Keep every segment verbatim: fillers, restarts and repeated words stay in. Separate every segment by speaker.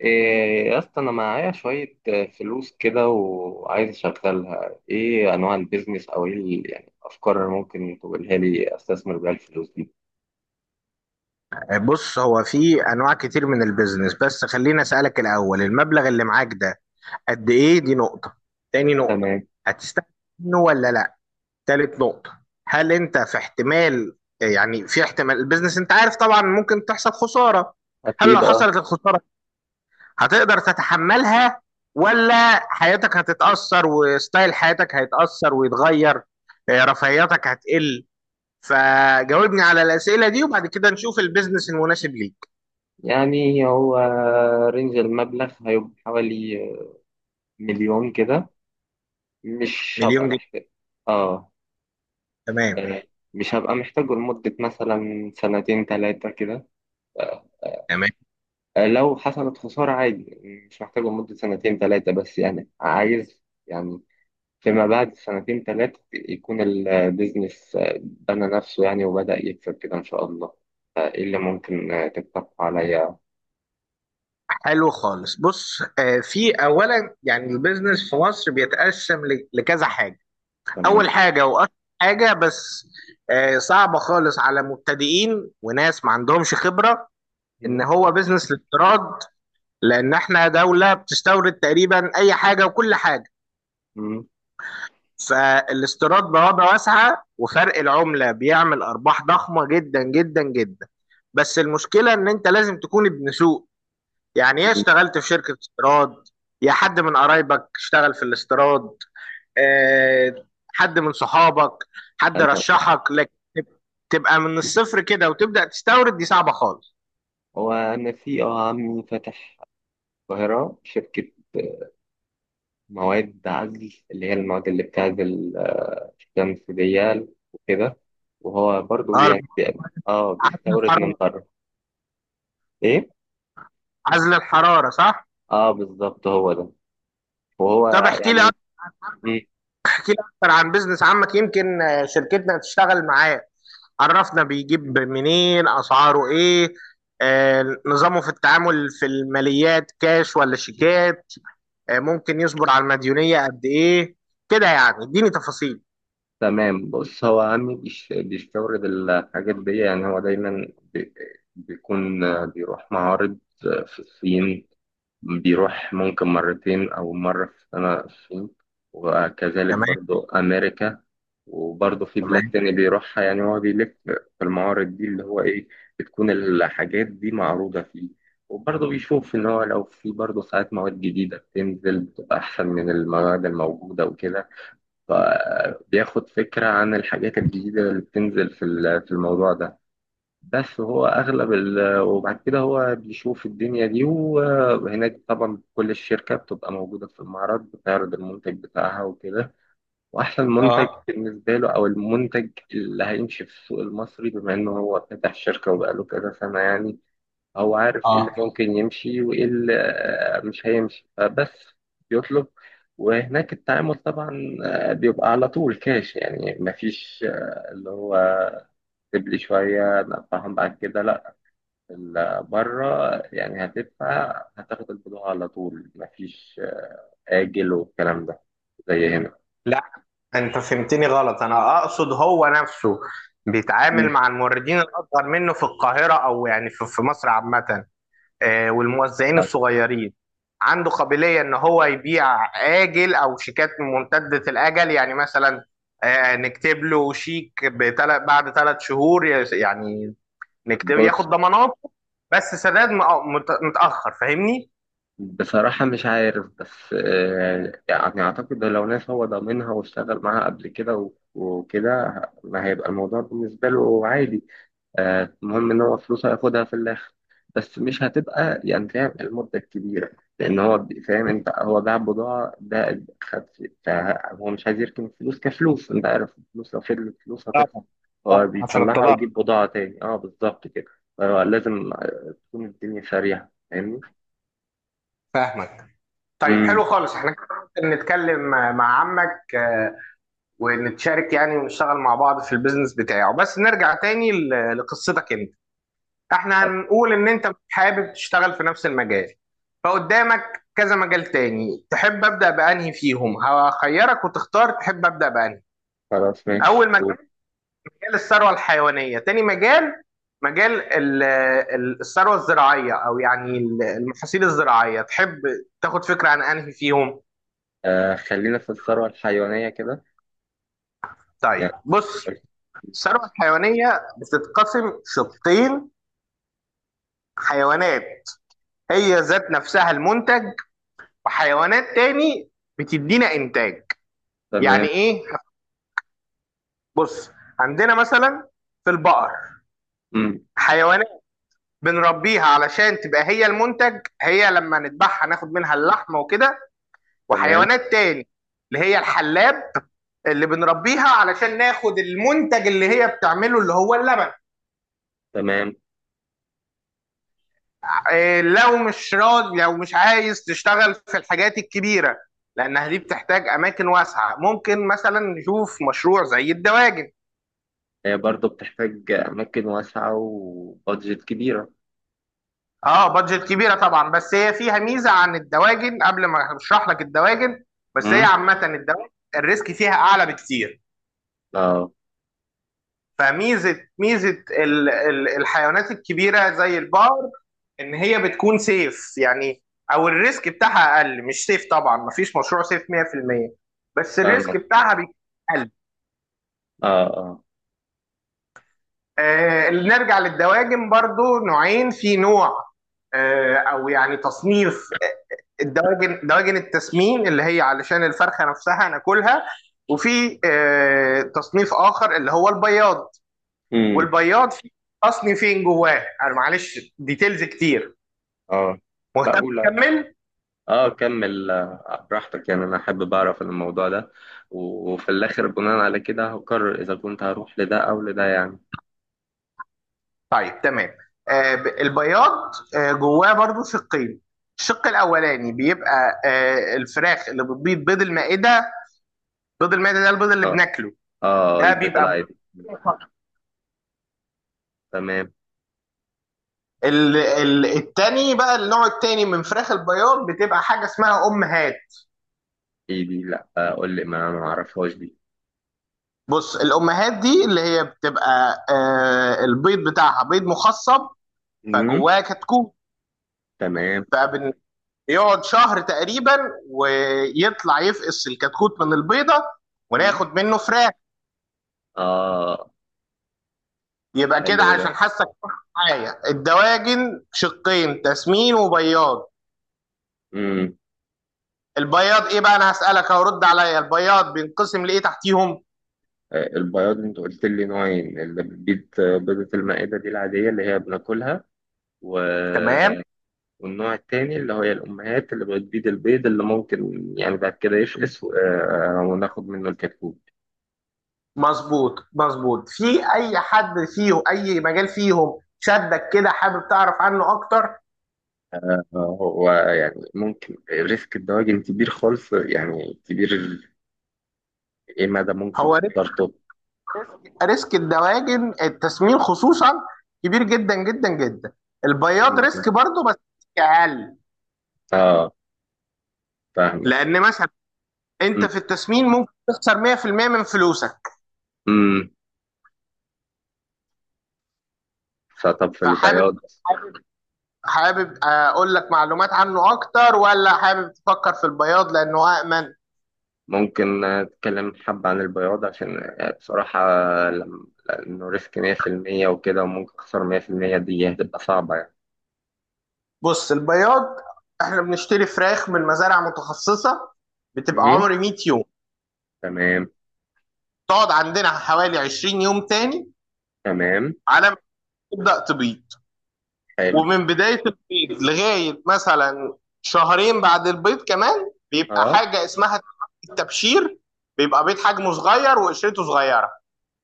Speaker 1: إيه يا اسطى انا معايا شوية آه، فلوس كده وعايز اشغلها. ايه انواع البيزنس او ايه ال- يعني افكار اللي ممكن تقولها لي استثمر بيها الفلوس دي.
Speaker 2: بص هو في انواع كتير من البيزنس، بس خليني اسالك الاول. المبلغ اللي معاك ده قد ايه؟ دي نقطه. تاني نقطه،
Speaker 1: تمام.
Speaker 2: هتستفيد منه ولا لا؟ تالت نقطه، هل انت في احتمال، يعني في احتمال البيزنس انت عارف طبعا ممكن تحصل خساره، هل لو
Speaker 1: اكيد اه.
Speaker 2: حصلت الخساره هتقدر تتحملها ولا حياتك هتتاثر وستايل حياتك هيتاثر ويتغير، آه، رفاهياتك هتقل؟ فجاوبني على الاسئله دي وبعد كده نشوف البيزنس المناسب ليك.
Speaker 1: يعني هو رينج المبلغ هيبقى حوالي آه، مليون كده، مش هبقى
Speaker 2: مليون جنيه؟
Speaker 1: محتاج. اه.
Speaker 2: تمام.
Speaker 1: آه، مش هبقى محتاجه لمدة مثلا سنتين تلاتة كده.
Speaker 2: تمام،
Speaker 1: آه، لو حصلت خسارة عادي، مش محتاجه لمدة سنتين تلاتة، بس يعني عايز، يعني فيما بعد سنتين ثلاثة يكون البيزنس بنى نفسه يعني وبدأ يكسب كده إن شاء الله. إيه اللي ممكن آه، تقترح عليا؟
Speaker 2: حلو خالص. بص، آه، في اولا يعني البيزنس في مصر بيتقسم ل- لكذا حاجه.
Speaker 1: تمام.
Speaker 2: اول حاجه واكتر حاجه، بس آه، صعبه خالص على مبتدئين وناس ما عندهمش خبره، ان
Speaker 1: مم.
Speaker 2: هو بيزنس الاستيراد. لان احنا دوله بتستورد تقريبا اي حاجه وكل حاجه،
Speaker 1: مم.
Speaker 2: فالاستيراد بوابه واسعه وفرق العمله بيعمل ارباح ضخمه جدا جدا جدا. بس المشكله ان انت لازم تكون ابن سوق، يعني يا
Speaker 1: مم.
Speaker 2: اشتغلت في شركة استيراد، يا حد من قرايبك اشتغل في الاستيراد، آه، حد من صحابك، حد
Speaker 1: أنا
Speaker 2: رشحك لك. تبقى من الصفر كده وتبدأ تستورد، دي صعبة خالص.
Speaker 1: وأنا في آه، عمي فاتح القاهرة شركة مواد عزل، اللي هي المواد اللي بتعزل آه، الشمس دي وكده. وهو برضه
Speaker 2: اه،
Speaker 1: يعني بي- اه
Speaker 2: عزل
Speaker 1: بيستورد من
Speaker 2: الحرارة.
Speaker 1: بره. إيه؟
Speaker 2: عزل الحرارة، صح؟
Speaker 1: اه بالظبط هو ده. وهو
Speaker 2: طب احكي لي
Speaker 1: يعني
Speaker 2: اكتر. احكي لي اكتر عن بيزنس عمك، يمكن آه، شركتنا تشتغل معاه. عرفنا بيجيب منين، اسعاره ايه، آه، نظامه في التعامل في الماليات كاش ولا شيكات، آه، ممكن يصبر على المديونية قد ايه. كده يعني اديني تفاصيل.
Speaker 1: تمام. بص، هو عمي بيش- بيستورد الحاجات دي. يعني هو دايما بي- بيكون بيروح معارض في الصين، بيروح ممكن مرتين أو مرة في السنة الصين، وكذلك
Speaker 2: تمام.
Speaker 1: برضو أمريكا، وبرضو في بلاد
Speaker 2: تمام.
Speaker 1: تاني بيروحها. يعني هو بيلف في المعارض دي اللي هو إيه، بتكون الحاجات دي معروضة فيه. وبرضه بيشوف إن هو لو في برضه ساعات مواد جديدة بتنزل بتبقى أحسن من المواد الموجودة وكده، فبياخد فكرة عن الحاجات الجديدة اللي بتنزل في ال- في الموضوع ده. بس هو أغلب ال... وبعد كده هو بيشوف الدنيا دي، وهناك طبعا كل الشركة بتبقى موجودة في المعرض بتعرض المنتج بتاعها وكده. وأحسن منتج
Speaker 2: اه
Speaker 1: بالنسبة له أو المنتج اللي هيمشي في السوق المصري، بما إنه هو فاتح شركة وبقاله كذا سنة يعني، هو عارف ايه اللي
Speaker 2: اه.
Speaker 1: ممكن يمشي وايه اللي آه، مش هيمشي، فبس بيطلب. وهناك التعامل طبعا آه، بيبقى على طول كاش، يعني مفيش آه، اللي هو اكتب لي شوية ادفعهم بعد كده، لا، ال- بره يعني هتدفع هتاخد البضاعة على طول، مفيش آه، آجل والكلام ده زي هنا.
Speaker 2: لا، انت فهمتني غلط. انا اقصد هو نفسه بيتعامل
Speaker 1: مم.
Speaker 2: مع الموردين الاصغر منه في القاهرة، او يعني في في مصر عامة، آه، والموزعين
Speaker 1: آه،
Speaker 2: الصغيرين، عنده قابلية ان هو يبيع آجل او شيكات ممتدة الاجل؟ يعني مثلا آه، نكتب له شيك بتل- بعد ثلاث شهور يعني، نكتب ياخد
Speaker 1: بص
Speaker 2: ضماناته، بس سداد مأ- مت- متأخر. فاهمني؟
Speaker 1: بصراحة مش عارف، بس آه، يعني أعتقد لو ناس هو ضامنها واشتغل معاها قبل كده و- وكده، ما هيبقى الموضوع بالنسبة له عادي. آه، المهم إن هو فلوسه هياخدها في الآخر، بس مش هتبقى يعني، فاهم، المدة الكبيرة، لأن هو بي- فاهم أنت، هو باع بضاعة ده خد في- فهو مش عايز يركن الفلوس كفلوس. أنت عارف الفلوس لو فضلت فلوس هتخسر.
Speaker 2: طبعا.
Speaker 1: هو
Speaker 2: طبعاً، عشان
Speaker 1: بيطلعها
Speaker 2: التضخم.
Speaker 1: ويجيب بضاعة تاني. أه بالظبط كده. فهو لازم تكون الدنيا سريعة، فاهمني؟
Speaker 2: فاهمك. طيب
Speaker 1: مم.
Speaker 2: حلو خالص، احنا كده ممكن نتكلم مع مع عمك، آه، ونتشارك يعني ونشتغل مع بعض في البيزنس بتاعه. بس نرجع تاني ل- لقصتك انت. احنا هنقول ان انت حابب تشتغل في نفس المجال، فقدامك كذا مجال تاني تحب ابدأ بأنهي فيهم. هخيرك وتختار تحب ابدأ بأنهي.
Speaker 1: خلاص ماشي
Speaker 2: اول
Speaker 1: قول.
Speaker 2: مجال، الثروه الحيوانيه. تاني مجال، مجال ال- ال- الثروه الزراعيه، او يعني ال- المحاصيل الزراعيه. تحب تاخد فكره عن انهي فيهم؟
Speaker 1: آه خلينا في الثروة الحيوانية كده يعني،
Speaker 2: طيب بص،
Speaker 1: قول.
Speaker 2: الثروه الحيوانيه بتتقسم شقين. حيوانات هي ذات نفسها المنتج، وحيوانات تاني بتدينا انتاج. يعني
Speaker 1: تمام.
Speaker 2: ايه؟ بص، عندنا مثلا في البقر
Speaker 1: مم.
Speaker 2: حيوانات بنربيها علشان تبقى هي المنتج، هي لما نذبحها ناخد منها اللحمه وكده.
Speaker 1: تمام.
Speaker 2: وحيوانات تاني اللي هي الحلاب، اللي بنربيها علشان ناخد المنتج اللي هي بتعمله اللي هو اللبن.
Speaker 1: تمام.
Speaker 2: إيه، لو مش راضي، لو مش عايز تشتغل في الحاجات الكبيرة لأنها دي بتحتاج أماكن واسعة، ممكن مثلا نشوف مشروع زي الدواجن.
Speaker 1: هي برضو بتحتاج أماكن واسعة وبادجت كبيرة.
Speaker 2: اه بادجت كبيرة طبعا، بس هي فيها ميزة عن الدواجن. قبل ما أشرح لك الدواجن، بس هي
Speaker 1: مم.
Speaker 2: عامة الدواجن الريسك فيها أعلى بكتير.
Speaker 1: اه.
Speaker 2: فميزه ميزه ال- ال- الحيوانات الكبيره زي البقر ان هي بتكون سيف يعني، او الريسك بتاعها اقل. مش سيف طبعا، مفيش مشروع سيف مية في المية، بس الريسك
Speaker 1: فاهمك.
Speaker 2: بتاعها بيكون اقل.
Speaker 1: اه اه.
Speaker 2: آه نرجع للدواجن. برضو نوعين، في نوع آه او يعني تصنيف، آه، الدواجن دواجن التسمين اللي هي علشان الفرخه نفسها ناكلها، وفي آه تصنيف اخر اللي هو البياض.
Speaker 1: مم.
Speaker 2: والبياض فيه، اصلي فين جواه؟ انا معلش ديتيلز كتير،
Speaker 1: اه. لا
Speaker 2: مهتم
Speaker 1: قول.
Speaker 2: اكمل؟
Speaker 1: اه كمل آه، براحتك، يعني أنا حابب أعرف الموضوع ده، و- وفي الآخر بناء على كده هقرر إذا كنت هروح لده أو لده يعني.
Speaker 2: طيب تمام. آه ب- البياض آه جواه برضو شقين. الشق الاولاني بيبقى آه الفراخ اللي بتبيض بيض المائده. بيض المائده ده البيض اللي
Speaker 1: اه.
Speaker 2: بناكله،
Speaker 1: اه
Speaker 2: ده
Speaker 1: البيض
Speaker 2: بيبقى
Speaker 1: العادي.
Speaker 2: بيض فقط.
Speaker 1: تمام.
Speaker 2: ال ال التاني بقى، النوع التاني من فراخ البياض بتبقى حاجه اسمها امهات.
Speaker 1: ايه دي؟ لا آه، قول لي، ما ما أعرفهاش دي.
Speaker 2: بص الامهات دي اللي هي بتبقى آه البيض بتاعها بيض مخصب،
Speaker 1: مم.
Speaker 2: فجواه كتكوت.
Speaker 1: تمام.
Speaker 2: فبن يقعد شهر تقريبا ويطلع يفقس الكتكوت من البيضة،
Speaker 1: مم.
Speaker 2: وناخد منه فراخ.
Speaker 1: آه.
Speaker 2: يبقى كده
Speaker 1: حلو ده.
Speaker 2: عشان حاسك معايا، الدواجن شقين، تسمين وبياض.
Speaker 1: مم.
Speaker 2: البياض ايه بقى؟ انا هسألك أهو، رد عليا. البياض بينقسم لايه تحتيهم؟
Speaker 1: آه، البياض أنت قلت لي نوعين، اللي بتبيض آه، بيضة المائدة دي العادية اللي هي بناكلها، و...
Speaker 2: تمام،
Speaker 1: والنوع التاني اللي هي الأمهات اللي بتبيض البيض اللي ممكن يعني بعد كده يفقس و... آه، وناخد منه الكتكوت.
Speaker 2: مظبوط مظبوط. في اي حد فيهم، اي مجال فيهم شدك كده حابب تعرف عنه اكتر؟
Speaker 1: آه، هو يعني ممكن ريسك الدواجن كبير خالص، يعني كبير ال-، إيه مدى ممكن
Speaker 2: هو
Speaker 1: خطورته؟
Speaker 2: ريسك الدواجن التسمين خصوصا كبير جدا جدا جدا. البياض
Speaker 1: مم.
Speaker 2: ريسك برضه، بس ريسك اقل.
Speaker 1: آه. فاهمك.
Speaker 2: لان مثلا انت
Speaker 1: مم.
Speaker 2: في التسمين ممكن تخسر مية في المية من فلوسك.
Speaker 1: مم. فطب في
Speaker 2: فحابب
Speaker 1: البياض،
Speaker 2: حابب حابب اقول لك معلومات عنه اكتر، ولا حابب تفكر في البياض لانه امن؟
Speaker 1: ممكن أتكلم حبة عن البياض عشان بصراحة، لم- لأنه ريسك مية في المية وكده وممكن أخسر مئة في المئة، دي هتبقى صعبة يعني.
Speaker 2: بص البياض، احنا بنشتري فراخ من مزارع متخصصه، بتبقى
Speaker 1: مهم.
Speaker 2: عمر مية يوم.
Speaker 1: تمام.
Speaker 2: تقعد عندنا حوالي عشرين يوم تاني
Speaker 1: تمام.
Speaker 2: على ما تبدا تبيض.
Speaker 1: حلو.
Speaker 2: ومن بداية البيض لغاية مثلا شهرين بعد البيض كمان، بيبقى
Speaker 1: اه.
Speaker 2: حاجة اسمها التبشير. بيبقى بيض حجمه صغير وقشرته صغيرة.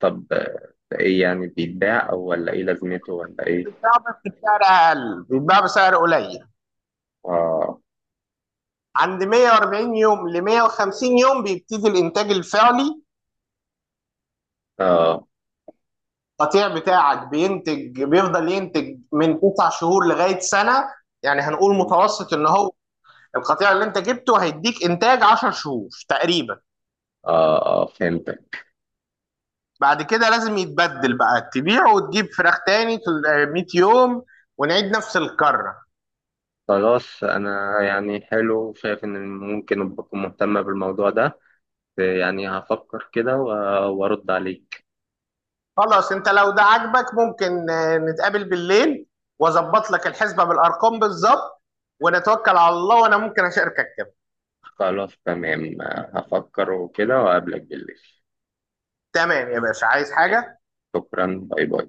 Speaker 1: طب آه، ده إيه يعني، بيتباع أو ولا إيه لازمته ولا إيه؟
Speaker 2: بيتباع بس بسعر أقل، بيتباع بسعر قليل.
Speaker 1: اه.
Speaker 2: عند مئة واربعين يوم ل مية وخمسين يوم بيبتدي الإنتاج الفعلي.
Speaker 1: اه.
Speaker 2: القطيع بتاعك بينتج، بيفضل ينتج من تسع شهور لغاية سنة. يعني هنقول متوسط إن هو القطيع اللي أنت جبته هيديك إنتاج عشر شهور تقريبا.
Speaker 1: اه. اه فهمتك.
Speaker 2: بعد كده لازم يتبدل بقى، تبيعه وتجيب فراخ تاني تل- مئة يوم، ونعيد نفس الكرة.
Speaker 1: خلاص أنا يعني حلو، شايف إن ممكن أبقى مهتمة بالموضوع ده، يعني هفكر كده و- وأرد عليك.
Speaker 2: خلاص، انت لو ده عاجبك ممكن آه، نتقابل بالليل واظبط لك الحسبة بالارقام بالظبط ونتوكل على الله. وانا ممكن اشاركك كمان.
Speaker 1: خلاص تمام، هفكر وكده وأقابلك بالليل.
Speaker 2: تمام يا باشا، عايز حاجة؟
Speaker 1: شكرا، باي باي.